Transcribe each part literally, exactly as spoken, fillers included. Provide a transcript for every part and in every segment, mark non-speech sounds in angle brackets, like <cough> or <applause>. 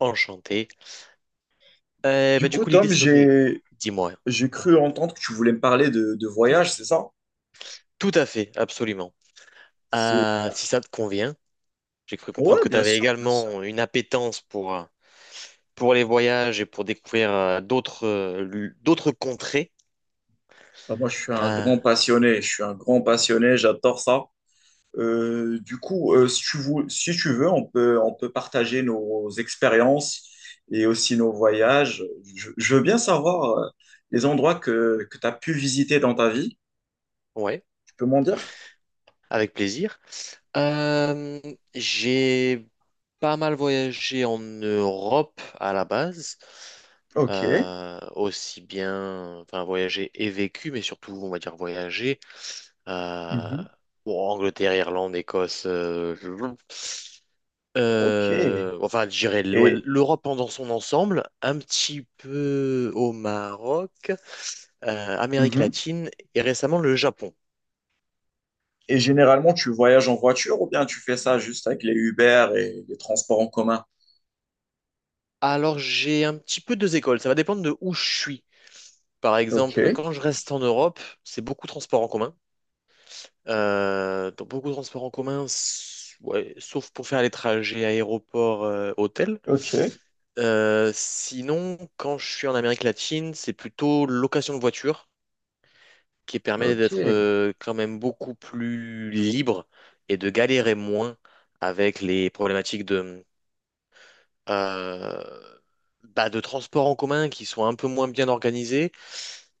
Enchanté. Euh, Du bah, Du coup, coup, l'idée, Tom, ce serait, j'ai dis-moi, j'ai cru entendre que tu voulais me parler de, de voyage, c'est ça? tout à fait, absolument. C'est- Euh, si ça te convient, j'ai cru comprendre Ouais, que tu bien avais sûr, bien sûr. également une appétence pour, euh, pour les voyages et pour découvrir euh, d'autres euh, lu- d'autres contrées. Bah, moi, je suis un Euh, grand passionné, je suis un grand passionné, j'adore ça. Euh, du coup, euh, si tu veux, si tu veux, on peut, on peut partager nos expériences et aussi nos voyages. Je, je veux bien savoir euh, les endroits que, que tu as pu visiter dans ta vie. ouais, Tu peux m'en dire? avec plaisir. Euh, j'ai pas mal voyagé en Europe à la base, Ok. euh, aussi bien, enfin voyagé et vécu, mais surtout, on va dire voyager. euh, Mhm. bon, Angleterre, Irlande, Écosse, euh, Ok. euh, enfin, je dirais l'O- Et... l'Europe dans son ensemble, un petit peu au Maroc, euh, Amérique mhm. latine et récemment le Japon. Et généralement, tu voyages en voiture ou bien tu fais ça juste avec les Uber et les transports en commun? Alors, j'ai un petit peu deux écoles, ça va dépendre de où je suis. Par Ok, exemple, quand je reste en Europe, c'est beaucoup de transports en commun. Euh, donc beaucoup de transports en commun, s- ouais, sauf pour faire les trajets aéroport-hôtel. ok, Sinon, quand je suis en Amérique latine, c'est plutôt location de voiture qui permet ok. d'être euh, quand même beaucoup plus libre et de galérer moins avec les problématiques euh, bah, de transports en commun qui sont un peu moins bien organisés.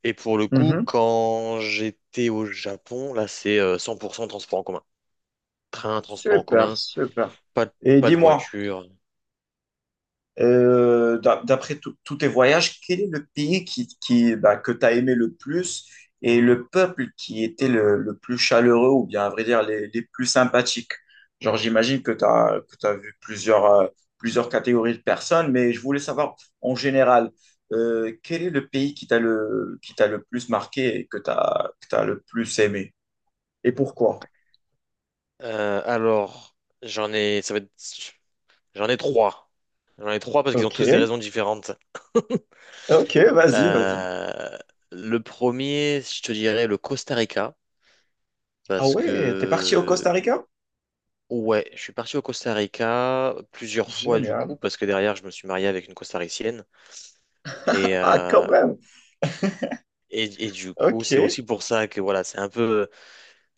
Et pour le coup, Mhm. quand j'étais au Japon, là, c'est euh, cent pour cent transport en commun. Train, transport en Super, commun, super. pas de, Et pas de dis-moi, voiture. Euh, d'a- d'après tout- tous tes voyages, quel est le pays qui, qui, bah, que tu as aimé le plus et le peuple qui était le, le plus chaleureux ou bien, à vrai dire, les, les plus sympathiques? Genre, j'imagine que tu as, que tu vu plusieurs, euh, plusieurs catégories de personnes, mais je voulais savoir en général, euh, quel est le pays qui t'a le, qui t'a le plus marqué et que tu as, que t'as le plus aimé et pourquoi? Euh, alors, j'en ai, ça va être- j'en ai trois. J'en ai trois parce qu'ils ont Ok, tous des raisons différentes. ok, vas-y, vas-y. Euh, le premier, je te dirais le Costa Rica, Ah parce ouais, t'es parti au que Costa Rica? ouais, je suis parti au Costa Rica plusieurs fois du Génial. coup, parce que derrière, je me suis marié avec une Costaricienne. Et, Ah, quand euh, même. et, et du coup, c'est Ok. aussi pour ça que voilà, c'est un peu euh,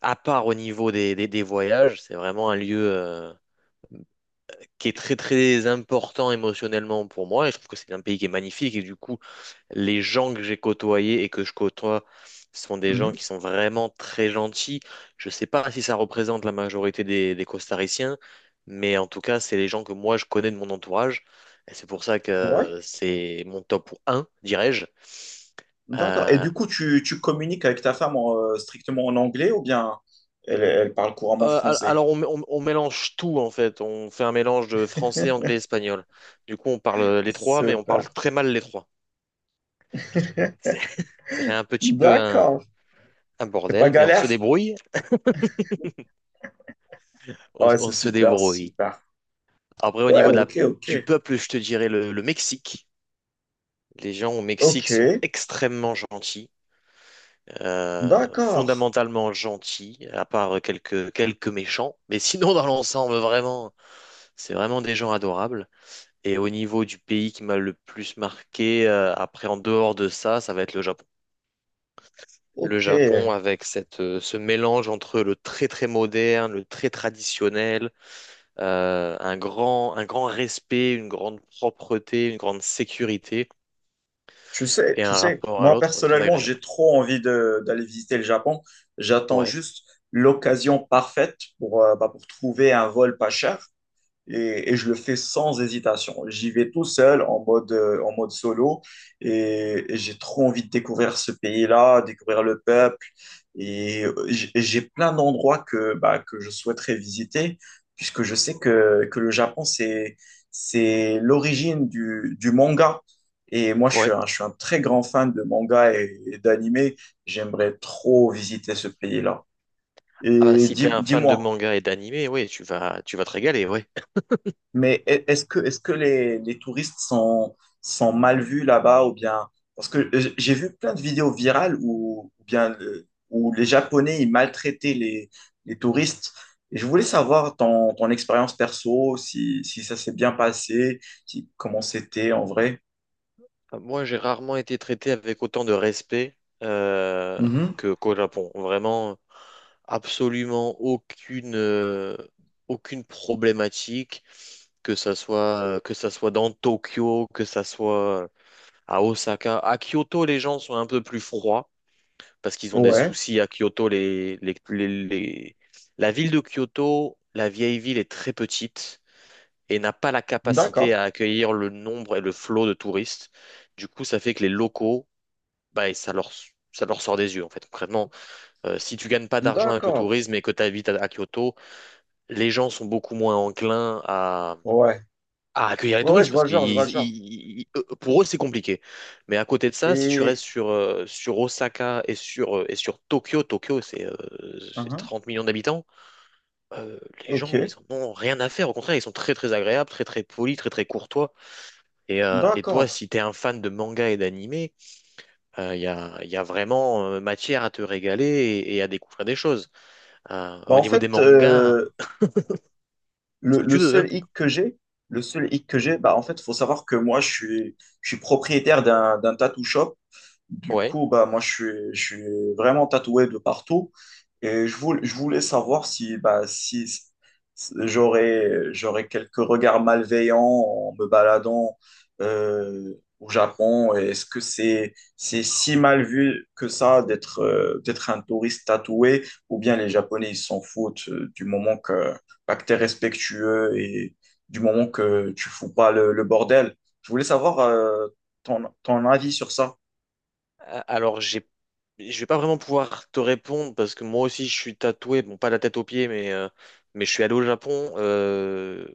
à part au niveau des, des, des voyages. C'est vraiment un lieu euh, qui est très très important émotionnellement pour moi. Et je trouve que c'est un pays qui est magnifique. Et du coup, les gens que j'ai côtoyés et que je côtoie sont des gens Mhm. qui sont vraiment très gentils. Je ne sais pas si ça représente la majorité des, des Costariciens, mais en tout cas, c'est les gens que moi je connais de mon entourage. Et c'est pour ça Ouais, que c'est mon top un, dirais-je. d'accord. Et Euh, du coup, tu, tu communiques avec ta femme en, euh, strictement en anglais ou bien elle, elle parle couramment euh, al- français? alors, on, on- on mélange tout en fait. On fait un mélange de français, anglais, <laughs> espagnol. Du coup, on parle les trois, mais on parle Super. très mal les trois. C'est- <laughs> Ça fait un petit peu un, D'accord. un C'est pas bordel, mais on se galère? débrouille. On, Ouais, on c'est se super, c'est débrouille. super. Après, au Ouais, niveau de la, ok, ok. du peuple, je te dirais le, le Mexique. Les gens au Mexique Ok, sont extrêmement gentils, euh, d'accord. fondamentalement gentils, à part quelques, quelques méchants. Mais sinon, dans l'ensemble, vraiment, c'est vraiment des gens adorables. Et au niveau du pays qui m'a le plus marqué, euh, après, en dehors de ça, ça va être le Japon. Le Ok. Japon avec cette, euh, ce mélange entre le très très moderne, le très traditionnel, euh, un grand, un grand respect, une grande propreté, une grande sécurité Tu sais, et tu un sais, rapport à moi l'autre très personnellement, agréable. j'ai trop envie de, d'aller visiter le Japon. J'attends Ouais, juste l'occasion parfaite pour, euh, bah, pour trouver un vol pas cher et, et je le fais sans hésitation. J'y vais tout seul en mode, euh, en mode solo et, et j'ai trop envie de découvrir ce pays-là, découvrir le peuple et euh, j- et j'ai plein d'endroits que, bah, que je souhaiterais visiter puisque je sais que, que le Japon, c'est, c'est l'origine du, du manga. Et moi, je suis ouais. un, je suis un très grand fan de manga et, et d'animé. J'aimerais trop visiter ce pays-là. Ah bah Et si t'es dis, un fan de dis-moi, manga et d'animé, oui tu vas, tu vas te régaler, ouais. Mais e- est-ce que, est-ce que les, les touristes sont, sont mal vus là-bas ou bien... Parce que j- j'ai vu plein de vidéos virales où, ou bien, euh, où les Japonais ils maltraitaient les, les touristes. Et je voulais savoir ton, ton expérience perso, si, si ça s'est bien passé, si- comment c'était en vrai. Moi, j'ai rarement été traité avec autant de respect euh, Mhm. que qu'au Japon. Vraiment, absolument aucune, euh, aucune problématique, que ça soit, que ça soit dans Tokyo, que ça soit à Osaka. À Kyoto, les gens sont un peu plus froids, parce qu'ils ont des Ouais, soucis à Kyoto. Les, les, les- les- La ville de Kyoto, la vieille ville, est très petite et n'a pas la capacité d'accord, à accueillir le nombre et le flot de touristes. Du coup, ça fait que les locaux, bah, ça leur, ça leur sort des yeux, en fait, concrètement. Euh, si tu gagnes pas d'argent avec le d'accord. tourisme et que tu habites à, à Kyoto, les gens sont beaucoup moins enclins à Ouais, à accueillir les ouais, ouais, touristes je parce vois le que genre, je vois ils- le genre. ils- ils- eux- pour eux c'est compliqué. Mais à côté de ça, si tu Et... restes sur, euh, sur Osaka et sur, euh, et sur Tokyo, Tokyo c'est euh, c'est Mhm. trente millions d'habitants, euh, les Ok, gens ils en ont rien à faire. Au contraire, ils sont très très agréables, très très polis, très très courtois. Et, euh, et toi, d'accord. si t'es un fan de manga et d'animé, euh, il y a, y a vraiment euh, matière à te régaler et, et à découvrir des choses. Euh, Bah, au en niveau des fait, mangas, euh, ce Le, que le tu veux, hein. seul hic que j'ai, le seul hic que j'ai, bah en fait, faut savoir que moi, je suis, je suis propriétaire d'un, d'un tattoo shop. Du Ouais. coup, bah moi, je suis, je suis vraiment tatoué de partout. Et je voulais, je voulais savoir si, bah, si si j'aurais, j'aurais quelques regards malveillants en me baladant euh, au Japon. Et est-ce que c'est, c'est si mal vu que ça d'être euh, d'être un touriste tatoué? Ou bien les Japonais, ils s'en foutent euh, du moment que acteur respectueux et du moment que tu fous pas le, le bordel. Je voulais savoir euh, ton, ton avis sur ça. Euh, Alors, j'ai, je vais pas vraiment pouvoir te répondre parce que moi aussi je suis tatoué, bon pas la tête aux pieds, mais, euh, mais je suis allé au Japon euh,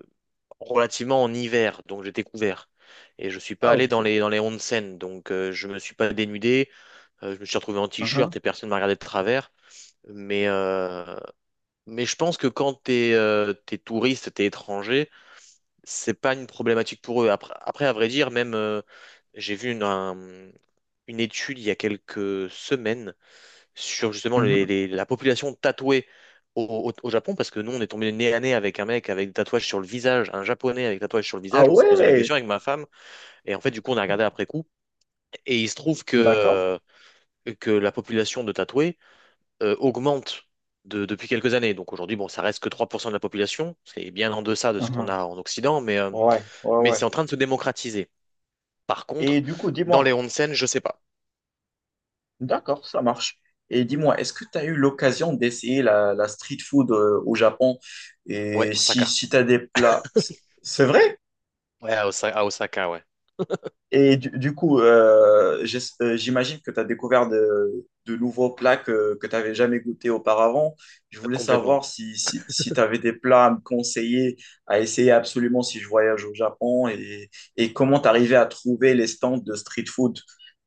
relativement en hiver, donc j'étais couvert. Et je suis pas Ah, allé ok. dans les, dans les onsen, donc euh, je me suis pas dénudé, euh, je me suis retrouvé en Mhm, t-shirt et personne m'a regardé de travers. Mais, euh, mais je pense que quand t'es euh, t'es touriste, t'es étranger, c'est pas une problématique pour eux. Après, après à vrai dire, même euh, j'ai vu une, un- une étude il y a quelques semaines sur justement les- mhm. les- la population tatouée au, au- au Japon, parce que nous, on est tombé nez à nez avec un mec avec des tatouages sur le visage, un japonais avec des tatouages sur le Ah visage, on s'est posé la ouais, question avec ma femme, et en fait, du coup, on a regardé après coup, et il se trouve d'accord. que, que la population de tatoués euh, augmente de- depuis quelques années. Donc aujourd'hui, bon, ça reste que trois pour cent de la population, c'est bien en deçà de ce qu'on Mhm. a en Occident, mais, euh, Ouais, ouais, mais ouais. c'est en train de se démocratiser. Par contre, Et du coup, dans les dis-moi, onsen, je sais pas. d'accord, ça marche. Et dis-moi, est-ce que tu as eu l'occasion d'essayer la, la street food euh, au Japon? Ouais, Et si, Osaka. si tu as des plats, c'est c'est vrai? Ouais, à Osa- à Osaka, ouais. Et du, du coup, euh, j'es- euh, j'imagine que tu as découvert de, de nouveaux plats que, que tu n'avais jamais goûté auparavant. Je voulais Complètement. savoir si, si, si tu avais des plats à me conseiller, à essayer absolument si je voyage au Japon et, et comment tu arrivais à trouver les stands de street food.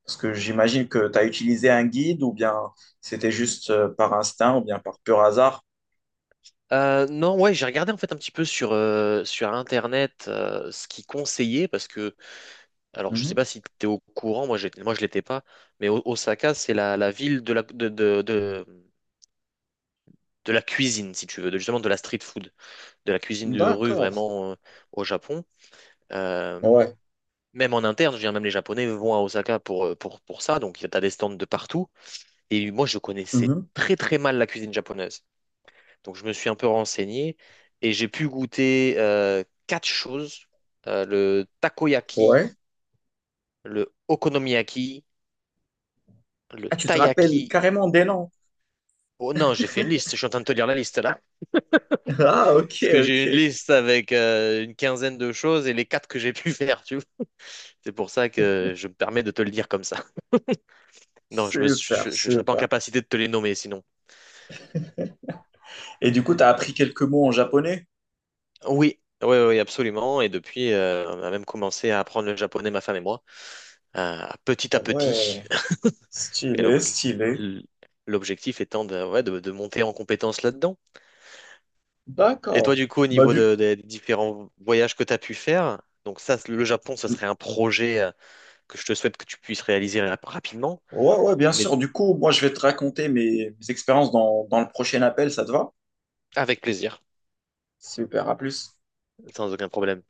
Parce que j'imagine que tu as utilisé un guide ou bien c'était juste euh, par instinct ou bien par pur hasard. Euh, non, Ouais, j'ai regardé en fait un petit peu sur, euh, sur Internet euh, ce qu'ils conseillaient parce que, alors je sais Mhm. pas si tu es au courant, moi, j'étais- moi je l'étais pas, mais O- Osaka c'est la, la ville de la, de, de, de, de la cuisine, si tu veux, de, justement de la street food, de la cuisine de rue D'accord. vraiment euh, au Japon. Euh, Ouais. même en interne, je veux dire, même les Japonais vont à Osaka pour, euh, pour, pour ça, donc tu as des stands de partout. Et moi je connaissais Mhm. très très mal la cuisine japonaise. Donc je me suis un peu renseigné et j'ai pu goûter euh, quatre choses. Euh, le takoyaki, Ouais. le okonomiyaki, le Ah, tu te rappelles taiyaki. carrément des noms. Oh non, j'ai fait une liste, je suis en train de te lire la liste là. <laughs> Ah, ok, Parce que j'ai une ok. liste avec euh, une quinzaine de choses et les quatre que j'ai pu <laughs> faire, tu vois. C'est pour ça que je me permets de te le dire comme ça. Non, je me, suis- Super, je, ne serais pas en super. capacité de te les nommer sinon. Et du coup, tu as appris quelques mots en japonais? Oui, oui, oui, absolument. Et depuis, euh, on a même commencé à apprendre le japonais, ma femme et moi, euh, petit Ah à petit. ouais, Et stylé, l'ob- stylé. l- l'objectif étant de, ouais, de, de monter en compétence là-dedans. Et toi, D'accord. du coup, au Bah niveau du... de- des différents voyages que tu as pu faire, donc ça, le Japon, ce serait un projet euh, que je te souhaite que tu puisses réaliser rap- rapidement, Ouais, ouais, bien mais sûr. Du coup, moi, je vais te raconter mes, mes expériences dans, dans le prochain appel, ça te va? avec plaisir, Super, à plus. sans aucun problème.